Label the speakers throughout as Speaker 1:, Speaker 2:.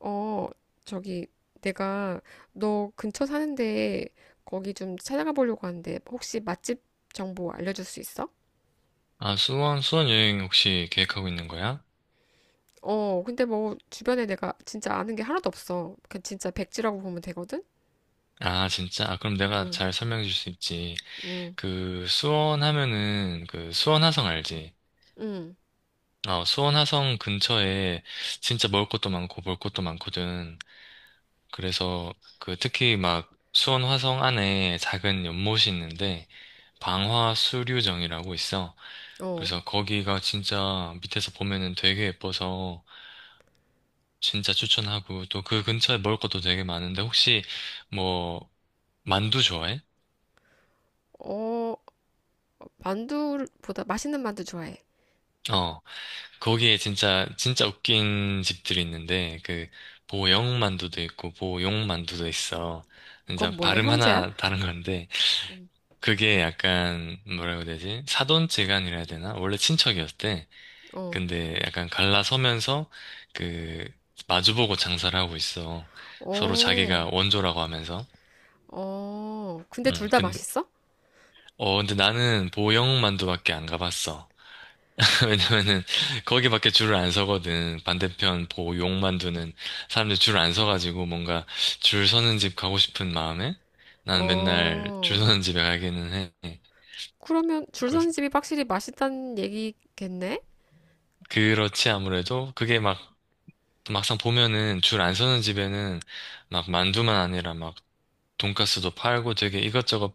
Speaker 1: 어, 저기, 내가 너 근처 사는데 거기 좀 찾아가 보려고 하는데 혹시 맛집 정보 알려줄 수 있어?
Speaker 2: 아, 수원 여행 혹시 계획하고 있는 거야?
Speaker 1: 어, 근데 뭐 주변에 내가 진짜 아는 게 하나도 없어. 그 진짜 백지라고 보면 되거든?
Speaker 2: 아, 진짜? 아, 그럼 내가
Speaker 1: 응,
Speaker 2: 잘 설명해 줄 수 있지.
Speaker 1: 응,
Speaker 2: 그, 수원 하면은, 그, 수원 화성 알지?
Speaker 1: 응,
Speaker 2: 어, 수원 화성 근처에 진짜 먹을 것도 많고 볼 것도 많거든. 그래서, 그, 특히 막, 수원 화성 안에 작은 연못이 있는데, 방화수류정이라고 있어.
Speaker 1: 어.
Speaker 2: 그래서 거기가 진짜 밑에서 보면은 되게 예뻐서 진짜 추천하고, 또 그 근처에 먹을 것도 되게 많은데, 혹시, 뭐, 만두 좋아해?
Speaker 1: 어, 만두보다 맛있는 만두 좋아해.
Speaker 2: 어, 거기에 진짜, 진짜 웃긴 집들이 있는데, 그, 보영 만두도 있고, 보용 만두도 있어. 진짜
Speaker 1: 그건 뭐야,
Speaker 2: 발음
Speaker 1: 형제야?
Speaker 2: 하나 다른 건데, 그게 약간, 뭐라고 해야 되지? 사돈지간이라 해야 되나? 원래 친척이었대.
Speaker 1: 어,
Speaker 2: 근데 약간 갈라서면서, 그, 마주보고 장사를 하고 있어. 서로
Speaker 1: 어,
Speaker 2: 자기가 원조라고 하면서.
Speaker 1: 어. 근데 둘
Speaker 2: 응,
Speaker 1: 다
Speaker 2: 근데,
Speaker 1: 맛있어?
Speaker 2: 어, 근데 나는 보영 만두밖에 안 가봤어. 왜냐면은 거기밖에 줄을 안 서거든. 반대편 보고 욕 만두는 사람들 줄 안 서가지고 뭔가 줄 서는 집 가고 싶은 마음에 나는 맨날 줄
Speaker 1: 어.
Speaker 2: 서는 집에 가기는 해.
Speaker 1: 그러면 줄선
Speaker 2: 그래서
Speaker 1: 집이 확실히 맛있다는 얘기겠네?
Speaker 2: 그렇지 아무래도 그게 막 막상 보면은 줄 안 서는 집에는 막 만두만 아니라 막 돈가스도 팔고 되게 이것저것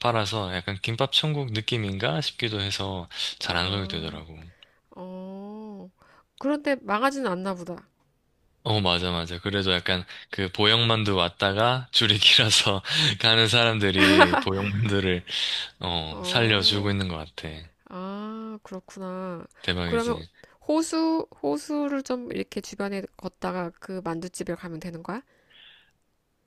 Speaker 2: 팔아서 약간 김밥 천국 느낌인가 싶기도 해서 잘 안 가게
Speaker 1: 아,
Speaker 2: 되더라고.
Speaker 1: 어. 그런데 망하지는 않나 보다.
Speaker 2: 어, 맞아, 맞아. 그래도 약간 그 보형만두 왔다가 줄이 길어서 가는 사람들이 보형만두를, 어, 살려주고
Speaker 1: 어,
Speaker 2: 있는 것 같아.
Speaker 1: 아, 그렇구나. 그러면
Speaker 2: 대박이지.
Speaker 1: 호수, 호수를 좀 이렇게 주변에 걷다가 그 만둣집에 가면 되는 거야?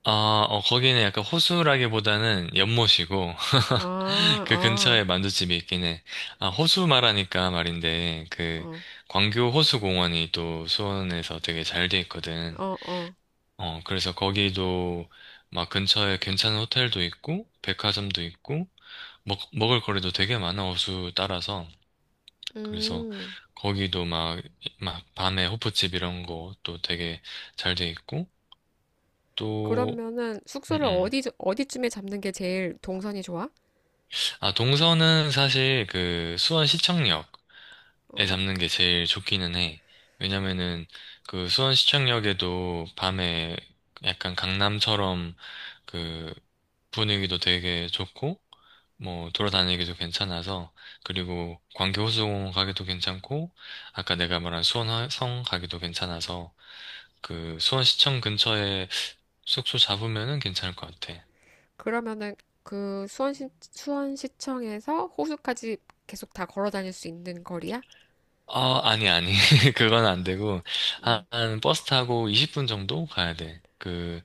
Speaker 2: 아, 어, 거기는 약간 호수라기보다는 연못이고,
Speaker 1: 아,
Speaker 2: 그
Speaker 1: 아,
Speaker 2: 근처에 만두집이 있긴 해. 아, 호수 말하니까 말인데, 그,
Speaker 1: 어,
Speaker 2: 광교 호수공원이 또 수원에서 되게 잘 돼 있거든.
Speaker 1: 어, 어.
Speaker 2: 어, 그래서 거기도 막 근처에 괜찮은 호텔도 있고, 백화점도 있고, 먹을 거리도 되게 많아, 호수 따라서. 그래서
Speaker 1: 음,
Speaker 2: 거기도 막, 막 밤에 호프집 이런 거 또 되게 잘 돼 있고 또.
Speaker 1: 그러면은
Speaker 2: 음,
Speaker 1: 숙소를
Speaker 2: 음.
Speaker 1: 어디, 어디쯤에 잡는 게 제일 동선이 좋아?
Speaker 2: 아 동서는 사실 그 수원 시청역에
Speaker 1: 어,
Speaker 2: 잡는 게 제일 좋기는 해. 왜냐면은 그 수원 시청역에도 밤에 약간 강남처럼 그 분위기도 되게 좋고, 뭐, 돌아다니기도 괜찮아서, 그리고 광교 호수공원 가기도 괜찮고, 아까 내가 말한 수원성 가기도 괜찮아서, 그, 수원시청 근처에 숙소 잡으면은 괜찮을 것 같아.
Speaker 1: 그러면은 그 수원시, 수원시청에서 호수까지 계속 다 걸어 다닐 수 있는 거리야?
Speaker 2: 어, 아니, 아니. 그건 안 되고, 한,
Speaker 1: 음,
Speaker 2: 한 버스 타고 20분 정도 가야 돼. 그,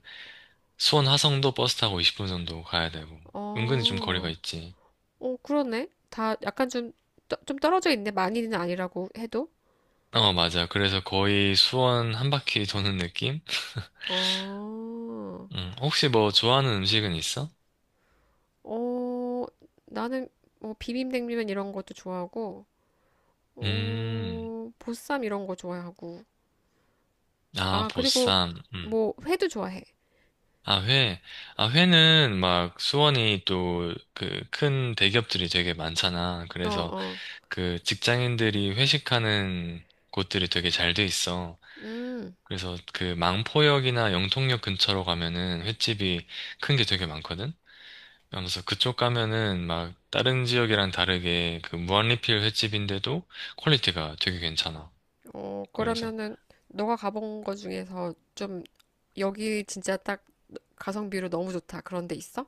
Speaker 2: 수원 화성도 버스 타고 20분 정도 가야 되고. 은근히 좀 거리가
Speaker 1: 어.
Speaker 2: 있지.
Speaker 1: 어, 그러네. 다 약간 좀, 좀 떨어져 있네. 많이는 아니라고 해도.
Speaker 2: 어, 맞아. 그래서 거의 수원 한 바퀴 도는 느낌?
Speaker 1: 어,
Speaker 2: 혹시 뭐 좋아하는 음식은 있어?
Speaker 1: 어, 나는 뭐 비빔냉면 이런 것도 좋아하고,
Speaker 2: 음,
Speaker 1: 어, 보쌈 이런 거 좋아하고.
Speaker 2: 아,
Speaker 1: 아, 그리고
Speaker 2: 보쌈. 음.
Speaker 1: 뭐 회도 좋아해.
Speaker 2: 아, 회. 아, 회는 막 수원이 또 그 큰 대기업들이 되게 많잖아.
Speaker 1: 어,
Speaker 2: 그래서
Speaker 1: 어.
Speaker 2: 그 직장인들이 회식하는 곳들이 되게 잘 돼 있어.
Speaker 1: 음,
Speaker 2: 그래서 그 망포역이나 영통역 근처로 가면은 횟집이 큰 게 되게 많거든? 그러면서 그쪽 가면은 막 다른 지역이랑 다르게 그 무한리필 횟집인데도 퀄리티가 되게 괜찮아.
Speaker 1: 어,
Speaker 2: 그래서
Speaker 1: 그러면은 너가 가본 거 중에서 좀 여기 진짜 딱 가성비로 너무 좋다. 그런 데 있어?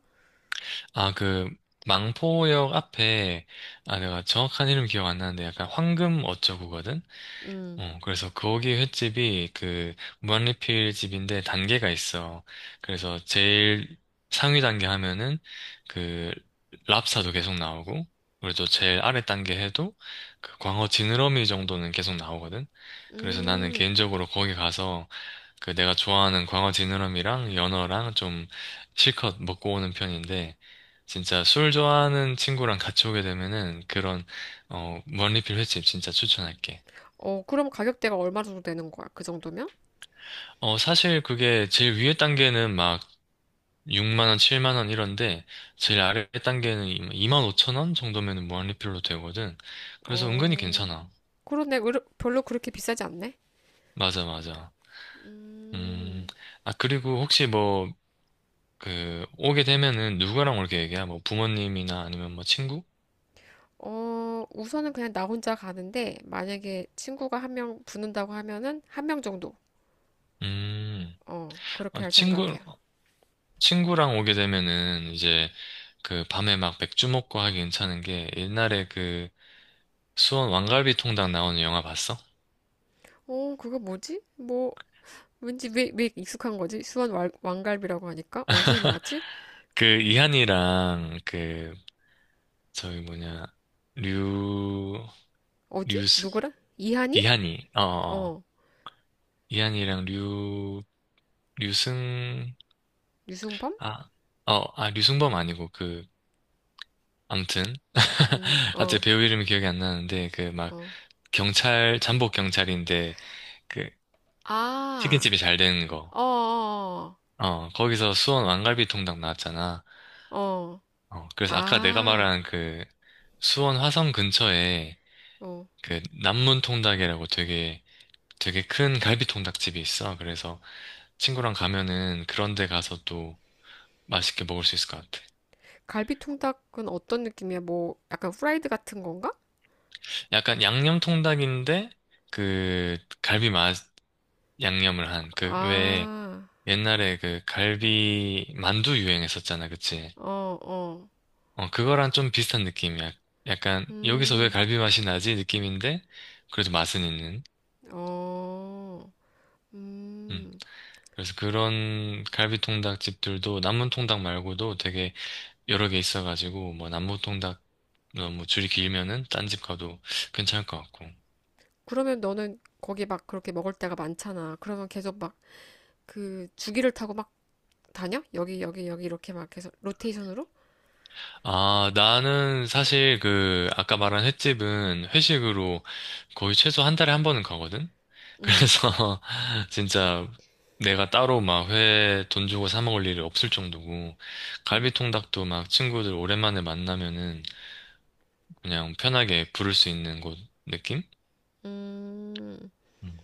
Speaker 2: 아, 그, 망포역 앞에, 아, 내가 정확한 이름 기억 안 나는데 약간 황금 어쩌구거든?
Speaker 1: 음,
Speaker 2: 어, 그래서 거기 횟집이 그, 무한리필 집인데 단계가 있어. 그래서 제일 상위 단계 하면은 그, 랍스타도 계속 나오고, 그리고 또 제일 아래 단계 해도 그 광어 지느러미 정도는 계속 나오거든? 그래서 나는
Speaker 1: 음.
Speaker 2: 개인적으로 거기 가서 그 내가 좋아하는 광어 지느러미랑 연어랑 좀 실컷 먹고 오는 편인데 진짜 술 좋아하는 친구랑 같이 오게 되면은 그런 원리필 횟집 진짜 추천할게.
Speaker 1: 어, 그럼 가격대가 얼마 정도 되는 거야? 그 정도면?
Speaker 2: 어, 사실 그게 제일 위에 단계는 막 6만 원, 7만 원 이런데 제일 아래 단계는 2만 5천 원 정도면은 무한리필로 되거든. 그래서 은근히
Speaker 1: 어,
Speaker 2: 괜찮아.
Speaker 1: 그런데 별로 그렇게 비싸지 않네.
Speaker 2: 맞아, 맞아. 음,
Speaker 1: 음,
Speaker 2: 아, 그리고 혹시 뭐 그 오게 되면은 누구랑 올게 얘기야? 뭐 부모님이나 아니면 뭐 친구?
Speaker 1: 어, 우선은 그냥 나 혼자 가는데, 만약에 친구가 한 명 붙는다고 하면은 한 명 정도.
Speaker 2: 음,
Speaker 1: 어,
Speaker 2: 아,
Speaker 1: 그렇게 할
Speaker 2: 친구,
Speaker 1: 생각이야.
Speaker 2: 친구랑 오게 되면은 이제 그 밤에 막 맥주 먹고 하기 괜찮은 게 옛날에 그 수원 왕갈비 통닭 나오는 영화 봤어?
Speaker 1: 어, 그거 뭐지? 뭐, 왠지 왜 익숙한 거지? 수원 왕갈비라고 하니까? 어디서 나왔지?
Speaker 2: 그 이한이랑 그 저기 뭐냐, 류,
Speaker 1: 어디?
Speaker 2: 류스,
Speaker 1: 누구라? 이한이?
Speaker 2: 이한이, 어, 어, 어.
Speaker 1: 어,
Speaker 2: 이한이랑 류승,
Speaker 1: 유승범?
Speaker 2: 아, 어, 아, 류승범 아니고 그, 암튼. 아자
Speaker 1: 어,
Speaker 2: 배우 이름이 기억이 안 나는데 그 막
Speaker 1: 어.
Speaker 2: 경찰, 잠복 경찰인데 그
Speaker 1: 아,
Speaker 2: 치킨집이 잘 되는 거.
Speaker 1: 어,
Speaker 2: 어, 거기서 수원 왕갈비 통닭 나왔잖아.
Speaker 1: 어, 어.
Speaker 2: 어, 그래서 아까 내가
Speaker 1: 아,
Speaker 2: 말한 그 수원 화성 근처에
Speaker 1: 어.
Speaker 2: 그 남문 통닭이라고 되게 되게 큰 갈비 통닭집이 있어. 그래서 친구랑 가면은 그런 데 가서 또 맛있게 먹을 수 있을 것 같아.
Speaker 1: 갈비 통닭은 어떤 느낌이야? 뭐 약간 후라이드 같은 건가?
Speaker 2: 약간 양념 통닭인데 그 갈비 맛 양념을 한 그 왜
Speaker 1: 아,
Speaker 2: 옛날에 그 갈비 만두 유행했었잖아. 그치?
Speaker 1: 어, 어,
Speaker 2: 어, 그거랑 좀 비슷한 느낌이야. 약간, 여기서 왜
Speaker 1: 음,
Speaker 2: 갈비 맛이 나지? 느낌인데, 그래도 맛은 있는.
Speaker 1: 어,
Speaker 2: 음.
Speaker 1: 음.
Speaker 2: 그래서 그런 갈비 통닭 집들도 남문 통닭 말고도 되게 여러 개 있어가지고, 뭐, 남문 통닭, 어, 뭐, 줄이 길면은 딴 집 가도 괜찮을 것 같고.
Speaker 1: 그러면 너는 거기 막 그렇게 먹을 때가 많잖아. 그러면 계속 막 그 주기를 타고 막 다녀? 여기 여기 여기 이렇게 막 계속 로테이션으로?
Speaker 2: 아, 나는 사실 그, 아까 말한 횟집은 회식으로 거의 최소 한 달에 한 번은 가거든?
Speaker 1: 음,
Speaker 2: 그래서 진짜 내가 따로 막 회 돈 주고 사 먹을 일이 없을 정도고,
Speaker 1: 음,
Speaker 2: 갈비통닭도 막 친구들 오랜만에 만나면은 그냥 편하게 부를 수 있는 곳 느낌?
Speaker 1: 음.
Speaker 2: 음.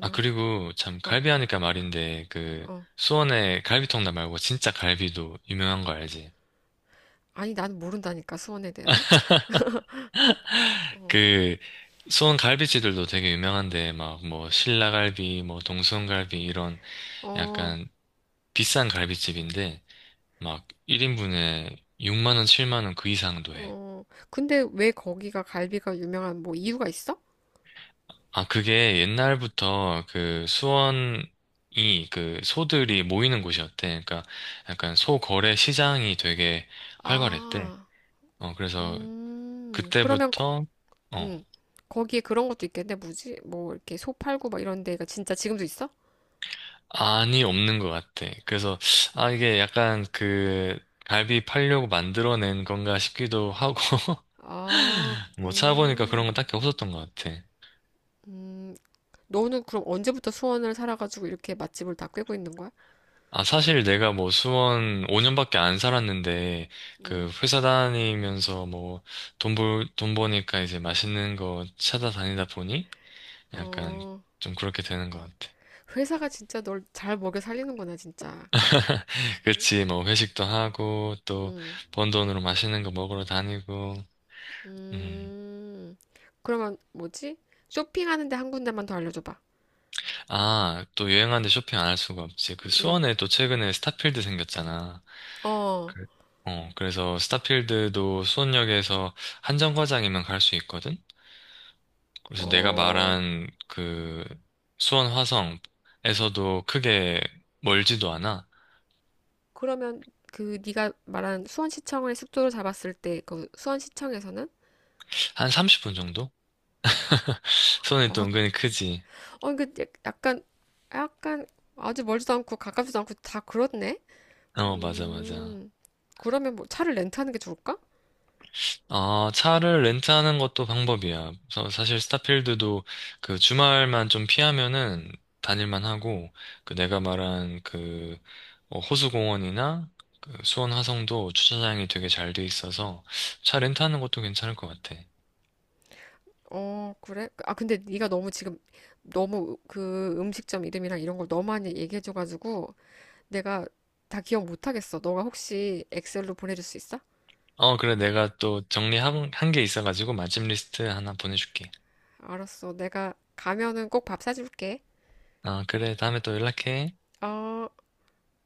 Speaker 2: 아, 그리고 참
Speaker 1: 어,
Speaker 2: 갈비 하니까 말인데 그,
Speaker 1: 어.
Speaker 2: 수원에 갈비통닭 말고 진짜 갈비도 유명한 거 알지?
Speaker 1: 아니 나는 모른다니까 수원에 대해서. 어,
Speaker 2: 그, 수원 갈비집들도 되게 유명한데, 막, 뭐, 신라갈비, 뭐, 동수원갈비, 이런
Speaker 1: 어,
Speaker 2: 약간 비싼 갈비집인데, 막, 1인분에 6만 원, 7만 원 그 이상도 해.
Speaker 1: 어. 근데 왜 거기가 갈비가 유명한 뭐 이유가 있어?
Speaker 2: 아, 그게 옛날부터 그 수원이 그 소들이 모이는 곳이었대. 그러니까 약간 소 거래 시장이 되게 활발했대.
Speaker 1: 아,
Speaker 2: 어, 그래서
Speaker 1: 그러면, 거,
Speaker 2: 그때부터, 어,
Speaker 1: 음, 거기에 그런 것도 있겠네. 뭐지? 뭐, 이렇게 소 팔고 막 이런 데가 진짜 지금도 있어?
Speaker 2: 아니 없는 것 같아. 그래서, 아, 이게 약간 그, 갈비 팔려고 만들어낸 건가 싶기도 하고,
Speaker 1: 아,
Speaker 2: 뭐 찾아보니까 그런
Speaker 1: 음,
Speaker 2: 건 딱히 없었던 것 같아.
Speaker 1: 음. 너는 그럼 언제부터 수원을 살아가지고 이렇게 맛집을 다 꿰고 있는 거야?
Speaker 2: 아, 사실 내가 뭐 수원 5년밖에 안 살았는데,
Speaker 1: 음,
Speaker 2: 그 회사 다니면서 뭐 돈 버니까 이제 맛있는 거 찾아다니다 보니 약간
Speaker 1: 어,
Speaker 2: 좀 그렇게 되는 것 같아.
Speaker 1: 회사가 진짜 널 잘 먹여 살리는구나, 진짜.
Speaker 2: 그치, 뭐 회식도 하고, 또
Speaker 1: 음,
Speaker 2: 번 돈으로 맛있는 거 먹으러 다니고, 음.
Speaker 1: 음. 그러면 뭐지? 쇼핑하는데 한 군데만 더 알려줘봐.
Speaker 2: 아, 또 유행하는데 쇼핑 안 할 수가 없지. 그
Speaker 1: 음,
Speaker 2: 수원에 또 최근에 스타필드 생겼잖아.
Speaker 1: 어,
Speaker 2: 그- 어, 그래서 스타필드도 수원역에서 한정거장이면 갈 수 있거든? 그래서 내가
Speaker 1: 어.
Speaker 2: 말한 그 수원 화성에서도 크게 멀지도 않아.
Speaker 1: 그러면 그 네가 말한 수원시청을 숙소로 잡았을 때 그 수원시청에서는
Speaker 2: 한 30분 정도? 수원이 또
Speaker 1: 어,
Speaker 2: 은근히 크지.
Speaker 1: 어, 그 약간 약간 아주 멀지도 않고 가깝지도 않고 다 그렇네.
Speaker 2: 어, 맞아, 맞아.
Speaker 1: 음, 그러면 뭐 차를 렌트하는 게 좋을까?
Speaker 2: 아, 차를 렌트하는 것도 방법이야. 사실 스타필드도 그 주말만 좀 피하면은 다닐만 하고, 그 내가 말한 그 호수공원이나 그 수원 화성도 주차장이 되게 잘 돼 있어서 차 렌트하는 것도 괜찮을 것 같아.
Speaker 1: 어, 그래? 아, 근데 네가 너무 지금 너무 그 음식점 이름이랑 이런 걸 너무 많이 얘기해줘가지고 내가 다 기억 못하겠어. 너가 혹시 엑셀로 보내줄 수 있어?
Speaker 2: 어, 그래. 내가 또 정리한 한 게 있어가지고 맛집 리스트 하나 보내줄게.
Speaker 1: 알았어. 내가 가면은 꼭 밥 사줄게.
Speaker 2: 아, 그래. 다음에 또 연락해.
Speaker 1: 어.